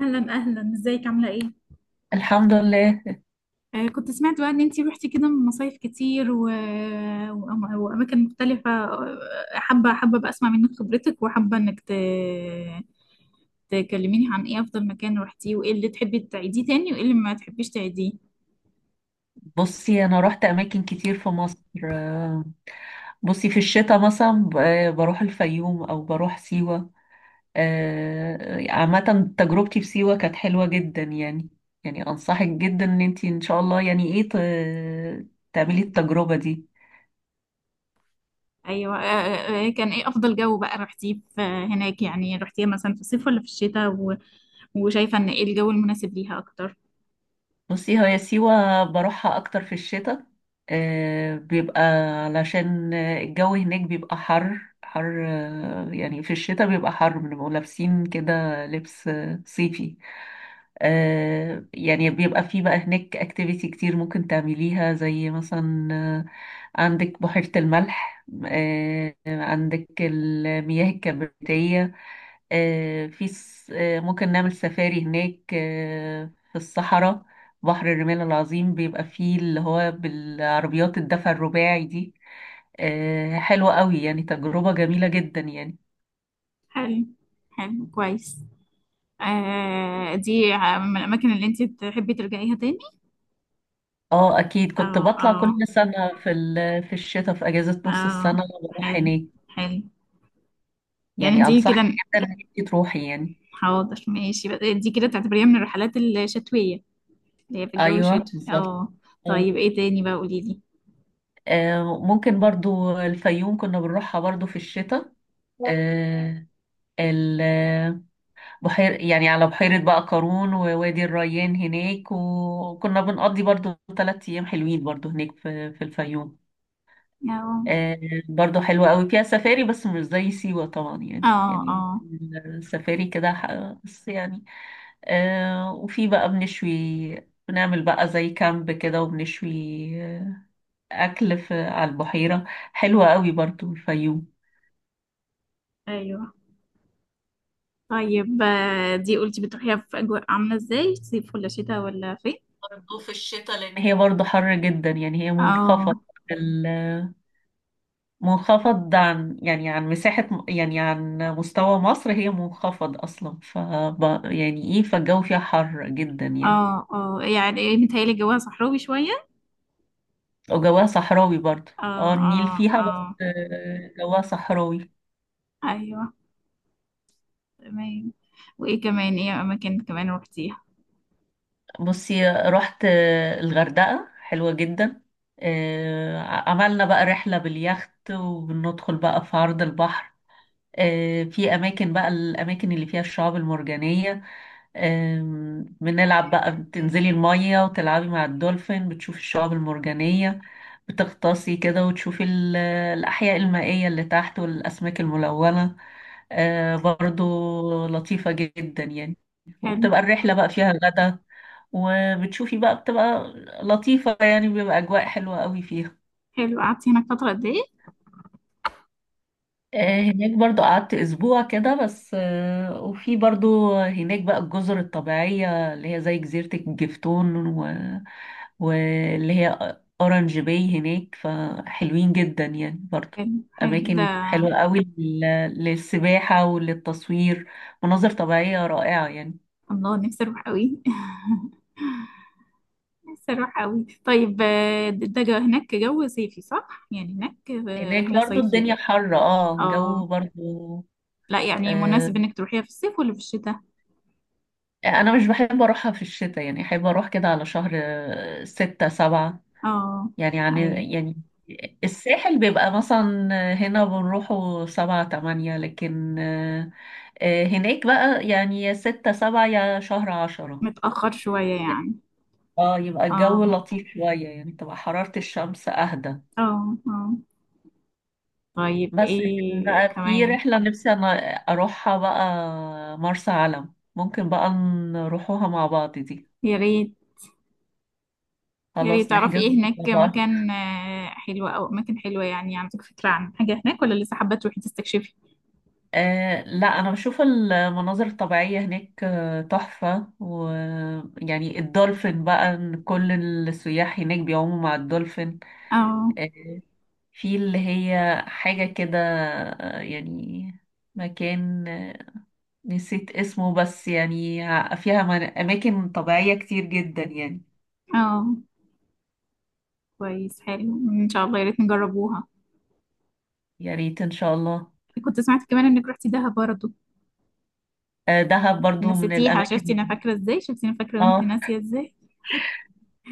اهلا اهلا، ازيك؟ عامله ايه؟ الحمد لله. كنت سمعت بقى ان انتي روحتي كده مصايف كتير واماكن مختلفة. حابة حابة بقى اسمع منك خبرتك، وحابة انك تكلميني عن ايه افضل مكان روحتيه، وايه اللي تحبي تعيديه تاني، وايه اللي ما تحبيش تعيديه. بصي انا رحت اماكن كتير في مصر. آه، بصي في الشتاء مثلا بروح الفيوم او بروح سيوة. عامة تجربتي في سيوة كانت حلوة جدا يعني انصحك جدا ان انتي ان شاء الله يعني ايه تعملي التجربة دي. ايوه. كان ايه افضل جو بقى روحتيه في هناك؟ يعني روحتيها مثلا في الصيف ولا في الشتاء وشايفة ان ايه الجو المناسب ليها اكتر؟ بصي هي سيوة بروحها أكتر في الشتاء. آه، بيبقى علشان الجو هناك بيبقى حر حر. يعني في الشتاء بيبقى حر بنبقوا لابسين كده لبس صيفي. يعني بيبقى في بقى هناك اكتيفيتي كتير ممكن تعمليها زي مثلا عندك بحيرة الملح. عندك المياه الكبريتية. آه، في س- آه، ممكن نعمل سفاري هناك في الصحراء. بحر الرمال العظيم بيبقى فيه اللي هو بالعربيات الدفع الرباعي دي. حلوة قوي يعني، تجربة جميلة جدا يعني. حلو، حلو كويس. آه، دي من الاماكن اللي انتي تحبي ترجعيها تاني؟ اه، اكيد كنت اه، بطلع اه، كل سنة في الشتاء في اجازة نص اه، السنة بروح حلو هناك. حلو، يعني يعني دي كده. انصحك جدا انك أنت تروحي يعني. حاضر، ماشي بقى، دي كده تعتبريها من الرحلات الشتوية اللي هي في الجو ايوه، الشتوي. بالظبط. اه، آه. طيب ايه تاني بقى؟ قولي لي. ممكن برضو الفيوم كنا بنروحها برضو في الشتاء. آه، ال- بحير يعني على بحيرة بقى قارون ووادي الريان هناك، وكنا بنقضي برضو ثلاث أيام حلوين برضو هناك في الفيوم. اه، آه برضو حلوة قوي، فيها سفاري بس مش زي سيوة طبعا يعني اه، يعني اه، السفاري كده بس يعني. وفي بقى بنشوي. بنعمل بقى زي كامب كده وبنشوي آه، أكل في على البحيرة. حلوة قوي برضو الفيوم. ايوه. طيب، دي قلتي بتروحيها في اجواء عاملة ازاي؟ صيف ولا شتاء ولا فين؟ برضو في الشتاء، لأن هي برضو حر جدا يعني، هي منخفضة، اه، منخفض عن يعني عن مساحة، يعني عن مستوى مصر، هي منخفض أصلا، ف يعني إيه، فالجو فيها حر جدا يعني. اه، اه، يعني ايه؟ متهيألي جواها صحراوي شوية. وجواها صحراوي برضه. اه، اه، النيل اه، فيها، بس اه، جواها صحراوي. ايوه تمام. وايه كمان؟ ايه اماكن كمان روحتيها؟ بصي رحت الغردقة، حلوة جدا. عملنا بقى رحلة باليخت، وبندخل بقى في عرض البحر. في أماكن بقى الأماكن اللي فيها الشعاب المرجانية. بنلعب بقى، بتنزلي المية وتلعبي مع الدولفين، بتشوفي الشعاب المرجانية، بتغطاسي كده وتشوفي الأحياء المائية اللي تحت والأسماك الملونة. برضو لطيفة جدا يعني. حلو، وبتبقى الرحلة بقى فيها غدا، وبتشوفي بقى، بتبقى لطيفة يعني، بيبقى أجواء حلوة قوي فيها. حلو، قعدتي هناك فترة قد ايه؟ هناك برضو قعدت أسبوع كده بس. وفي برضو هناك بقى الجزر الطبيعية، اللي هي زي جزيرة الجفتون، واللي هي أورانج باي هناك، فحلوين جدا يعني برضو، حلو، حلو ده. أماكن حلوة قوي للسباحة وللتصوير، مناظر طبيعية رائعة يعني. الله، نفسي اروح قوي. نفسي اروح قوي. طيب، ده جو هناك جو صيفي صح؟ يعني هناك هناك رحلة برضو الدنيا صيفية. حر، اه الجو اه، برضو. لا يعني آه، مناسب انك تروحيها في الصيف ولا في الشتاء؟ أنا مش بحب أروحها في الشتاء يعني، أحب أروح كده على شهر ستة سبعة اه، يعني. يعني ايوه، يعني الساحل بيبقى مثلا هنا بنروحه سبعة تمانية، لكن هناك بقى يعني يا ستة سبعة يا شهر عشرة متأخر شوية يعني. يعني. اه، يبقى الجو اه، لطيف شوية يعني، تبقى حرارة الشمس أهدى. اه، اه، طيب، بس لكن ايه بقى في كمان؟ رحلة نفسي أنا أروحها بقى، مرسى علم، ممكن بقى نروحوها مع بعض دي. يا ريت. يا ريت خلاص تعرفي نحجز ايه هناك، مع بعض. مكان حلو او اماكن حلوة؟ يعني عندك فكرة عن حاجة هناك ولا لسه حابة تروحي تستكشفي؟ لا، انا بشوف المناظر الطبيعيه هناك تحفه، ويعني الدولفين بقى، إن كل السياح هناك بيعوموا مع الدولفين. اه، آه، في اللي هي حاجه كده. يعني مكان نسيت اسمه، بس يعني فيها اماكن طبيعيه كتير جدا يعني. اه، كويس حلو، ان شاء الله يا ريت نجربوها. يا ريت ان شاء الله. كنت سمعت كمان انك رحتي دهب برضه. دهب برضو من نسيتيها؟ الاماكن. شفتي انا فاكره ازاي، شفتي انا فاكره وانت اه، ناسيه ازاي؟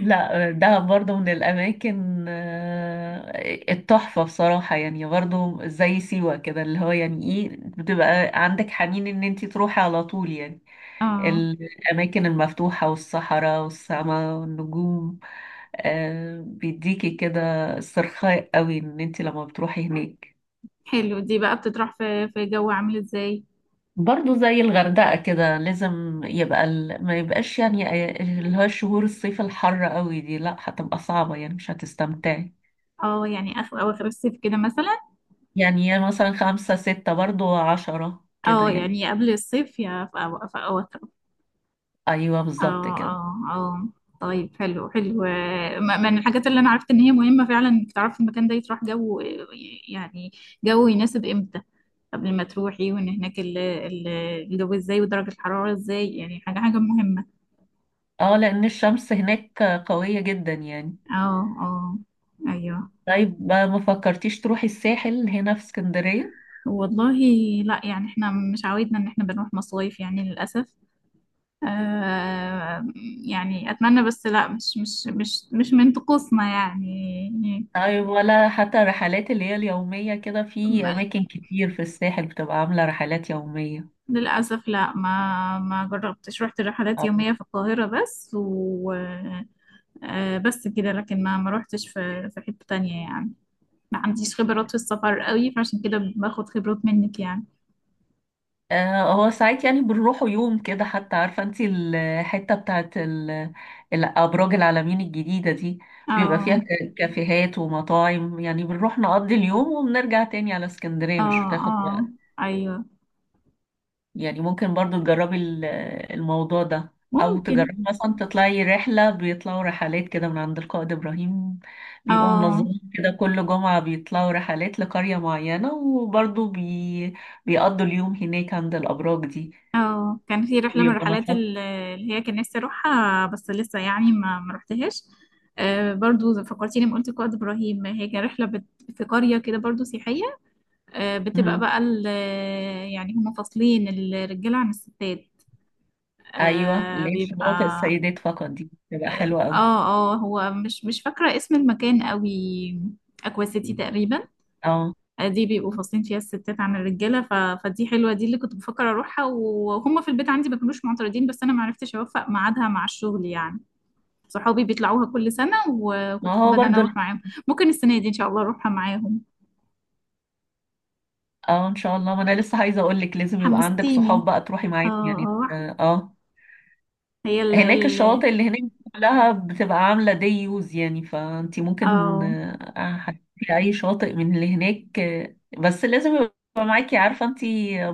لا، دهب برضه من الأماكن التحفة بصراحة يعني، برضه زي سيوة كده، اللي هو يعني ايه، بتبقى عندك حنين ان انتي تروحي على طول يعني. اه، الأماكن المفتوحة والصحراء والسماء والنجوم. بيديكي كده استرخاء قوي ان انتي لما بتروحي هناك. حلو. دي بقى بتطرح في جو عامل ازاي؟ برضه زي الغردقة كده، لازم يبقى ما يبقاش يعني اللي هو شهور الصيف الحر قوي دي، لا هتبقى صعبة يعني، مش هتستمتعي. اه، يعني اخر اواخر الصيف كده مثلا. يعني هي مثلا خمسة ستة، برضو عشرة كده اه، يعني. يعني قبل الصيف، يا في في أواخر. أيوة، اه، بالظبط كده. اه، اه، طيب، حلو، حلو، من الحاجات اللي انا عرفت ان هي مهمة فعلا، انك تعرفي المكان ده يتراح جو يعني جو يناسب امتى، قبل ما تروحي، وان هناك الجو ازاي ودرجة الحرارة ازاي، يعني حاجة حاجة مهمة. اه، لأن الشمس هناك قوية جدا يعني. اه، اه، ايوه. طيب ما فكرتيش تروحي الساحل هنا في اسكندرية؟ والله لا، يعني احنا مش عودنا ان احنا بنروح مصايف يعني للأسف. آه يعني اتمنى، بس لا، مش من طقوسنا يعني. طيب ولا حتى الرحلات اللي هي اليومية كده، في أماكن كتير في الساحل بتبقى عاملة رحلات يومية. للأسف لا، ما جربتش، رحت رحلات يومية في القاهرة بس، و آه، بس كده. لكن ما روحتش في حتة تانية يعني، ما عنديش خبرات في السفر قوي، فعشان كده باخد خبرات منك يعني. هو ساعات يعني بنروحوا يوم كده، حتى عارفة انتي الحتة بتاعت الأبراج العلمين الجديدة دي، بيبقى فيها اه، كافيهات ومطاعم، يعني بنروح نقضي اليوم وبنرجع تاني على اه، اسكندرية، مش بتاخد اه، وقت. ايوه، يعني ممكن برضو تجربي الموضوع ده. أو ممكن. تجربي مثلا تطلعي رحلة، بيطلعوا رحلات كده من عند القائد إبراهيم، بيبقوا اه، منظمين كده، كل جمعة بيطلعوا رحلات لقرية معينة، وبرضو بيقضوا اليوم هناك عند الأبراج دي، اه، كان في رحلة من بيبقى الرحلات نشاط. اللي هي كان نفسي اروحها، بس لسه يعني ما روحتهاش. برضو فكرتيني لما قلت قائد ابراهيم. هي كانت رحلة في قرية كده برضو سياحية. بتبقى مم. بقى يعني هم فاصلين الرجالة عن الستات. ايوه، ليه شواطئ بيبقى. السيدات فقط دي تبقى اه، حلوه قوي. اه، هو مش فاكرة اسم المكان قوي. اكوا سيتي تقريبا. اه، دي بيبقوا فاصلين فيها الستات عن الرجالة، فدي حلوة، دي اللي كنت بفكر اروحها، وهم في البيت عندي ما كانوش معترضين، بس انا ما عرفتش اوفق ميعادها مع الشغل يعني. صحابي بيطلعوها كل سنة، ما وكنت هو حابة ان انا برضو. اروح معاهم. ممكن السنة دي ان شاء الله اروحها معاهم. اه، ان شاء الله، ما انا لسه عايزه اقول لك لازم يبقى عندك حمستيني، صحاب بقى تروحي اه. معاهم يعني، اه. هي هناك الشواطئ اللي هناك كلها بتبقى عامله دي يوز يعني، فانت ممكن اه، هتروحي اي شاطئ من اللي هناك بس لازم يبقى معاكي، عارفه انت،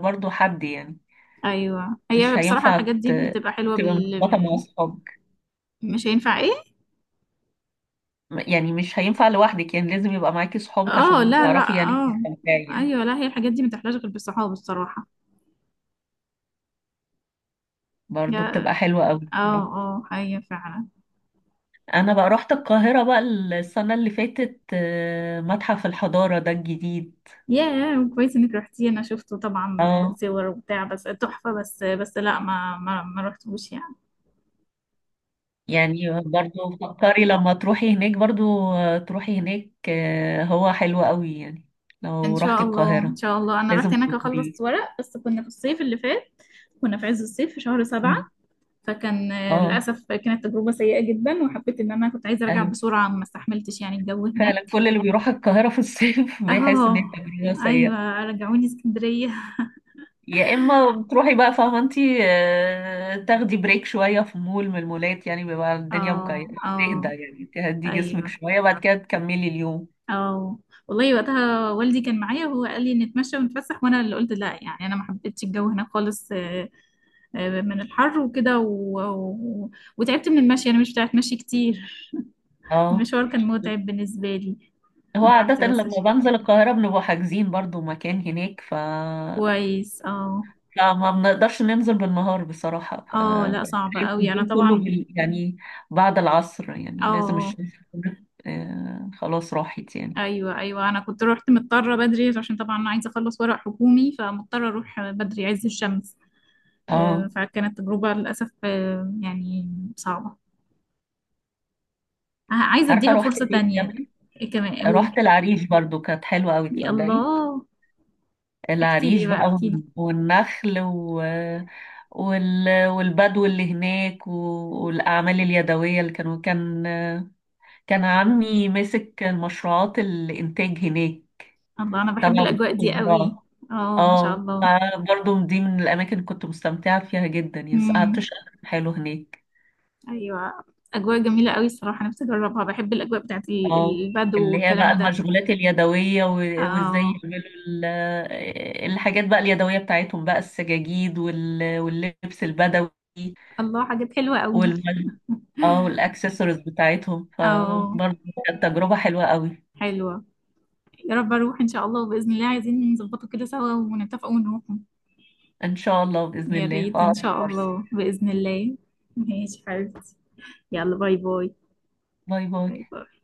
برضو حد يعني. ايوه، هي مش بصراحه هينفع الحاجات دي ت- بتبقى حلوه تبقى مرتبطه مع اصحابك، مش هينفع ايه؟ يعني مش هينفع لوحدك، يعني لازم يبقى معاكي صحابك اه، عشان لا لا، تعرفي يعني اه، تستمتعي يعني. ايوه، لا هي الحاجات دي ما تحلاش غير بالصحاب الصراحه. برضه يا، بتبقى حلوة قوي اه، بصراحة. اه، هي فعلا. انا بقى رحت القاهرة بقى السنة اللي فاتت، متحف الحضارة ده الجديد. يا، كويس انك رحتي، انا شفته طبعا. اه، صور وبتاع، بس تحفه. بس لا، ما رحتوش يعني. يعني برضه فكري لما تروحي هناك برضه، تروحي هناك هو حلو قوي يعني، ان لو رحتي شاء الله، ان القاهرة شاء الله، انا رحت لازم هناك اخلص تزوريه. ورق، بس كنا في الصيف اللي فات، كنا في عز الصيف في شهر 7. مم. فكان اه، للأسف كانت تجربة سيئة جدا، وحبيت إن أنا كنت عايزة أرجع ايوه، بسرعة، ما استحملتش يعني الجو فعلا هناك. كل اللي بيروح القاهرة في الصيف بيحس ان هي اه، تجربة سيئة. أيوة، رجعوني اسكندرية. يا اما بتروحي بقى، فاهمه انت، تاخدي بريك شويه في مول من المولات، يعني بيبقى الدنيا اه، مكيفه تهدى، اه، يعني تهدي جسمك أيوة، شويه بعد كده تكملي اليوم. اه. والله، وقتها والدي كان معايا وهو قال لي نتمشى ونتفسح، وأنا اللي قلت لا، يعني أنا ما حبيتش الجو هناك خالص، من الحر وكده، وتعبت من المشي، أنا مش بتاعت مشي كتير. اه، المشوار كان متعب بالنسبة لي. هو أنا رحت عادة بس. لما بنزل القاهرة بنبقى حاجزين برضو مكان هناك، كويس، اه، فما بنقدرش ننزل بالنهار بصراحة، اه، لا صعبة قوي انا اليوم كله طبعا. يعني بعد العصر، يعني لازم اه، الشمس تكون خلاص راحت يعني. ايوه، ايوه، انا كنت رحت مضطره بدري عشان طبعا انا عايزه اخلص ورق حكومي، فمضطره اروح بدري عز الشمس. اه، فكانت تجربه للاسف، يعني صعبه. عايزه عارفة اديها رحت فرصه فين تانية. كمان؟ إيه كمان؟ قولي. رحت العريش برضو، كانت حلوة أوي يا تصدقي. الله، احكي العريش لي بقى، بقى، احكي لي. والنخل، والبدو اللي هناك، والأعمال اليدوية، اللي كان عمي ماسك المشروعات الإنتاج هناك، الله، انا بحب تبع وزارة الاجواء دي قوي. الزراعة. اه، ما شاء اه، الله. فبرضه دي من الأماكن اللي كنت مستمتعة فيها جدا يعني، قعدت امم. شهر حلو هناك. ايوه، اجواء جميله قوي الصراحه، نفسي اجربها، بحب الاجواء بتاعت اه، البدو اللي هي بقى والكلام ده. المشغولات اليدوية، وازاي اه، يعملوا ال- الحاجات بقى اليدوية بتاعتهم بقى، السجاجيد واللبس البدوي الله، حاجات حلوه قوي. والم... اه، والاكسسوارز بتاعتهم، اه، فبرضه كانت تجربة حلوة قوي. حلوه. يا رب اروح ان شاء الله وباذن الله، عايزين نظبطه كده سوا ونتفق ونروح. ان شاء الله بإذن يا الله في ريت ان اقرب شاء فرصة. الله باذن الله. ماشي حبيبتي. يلا، باي باي. باي باي. باي باي.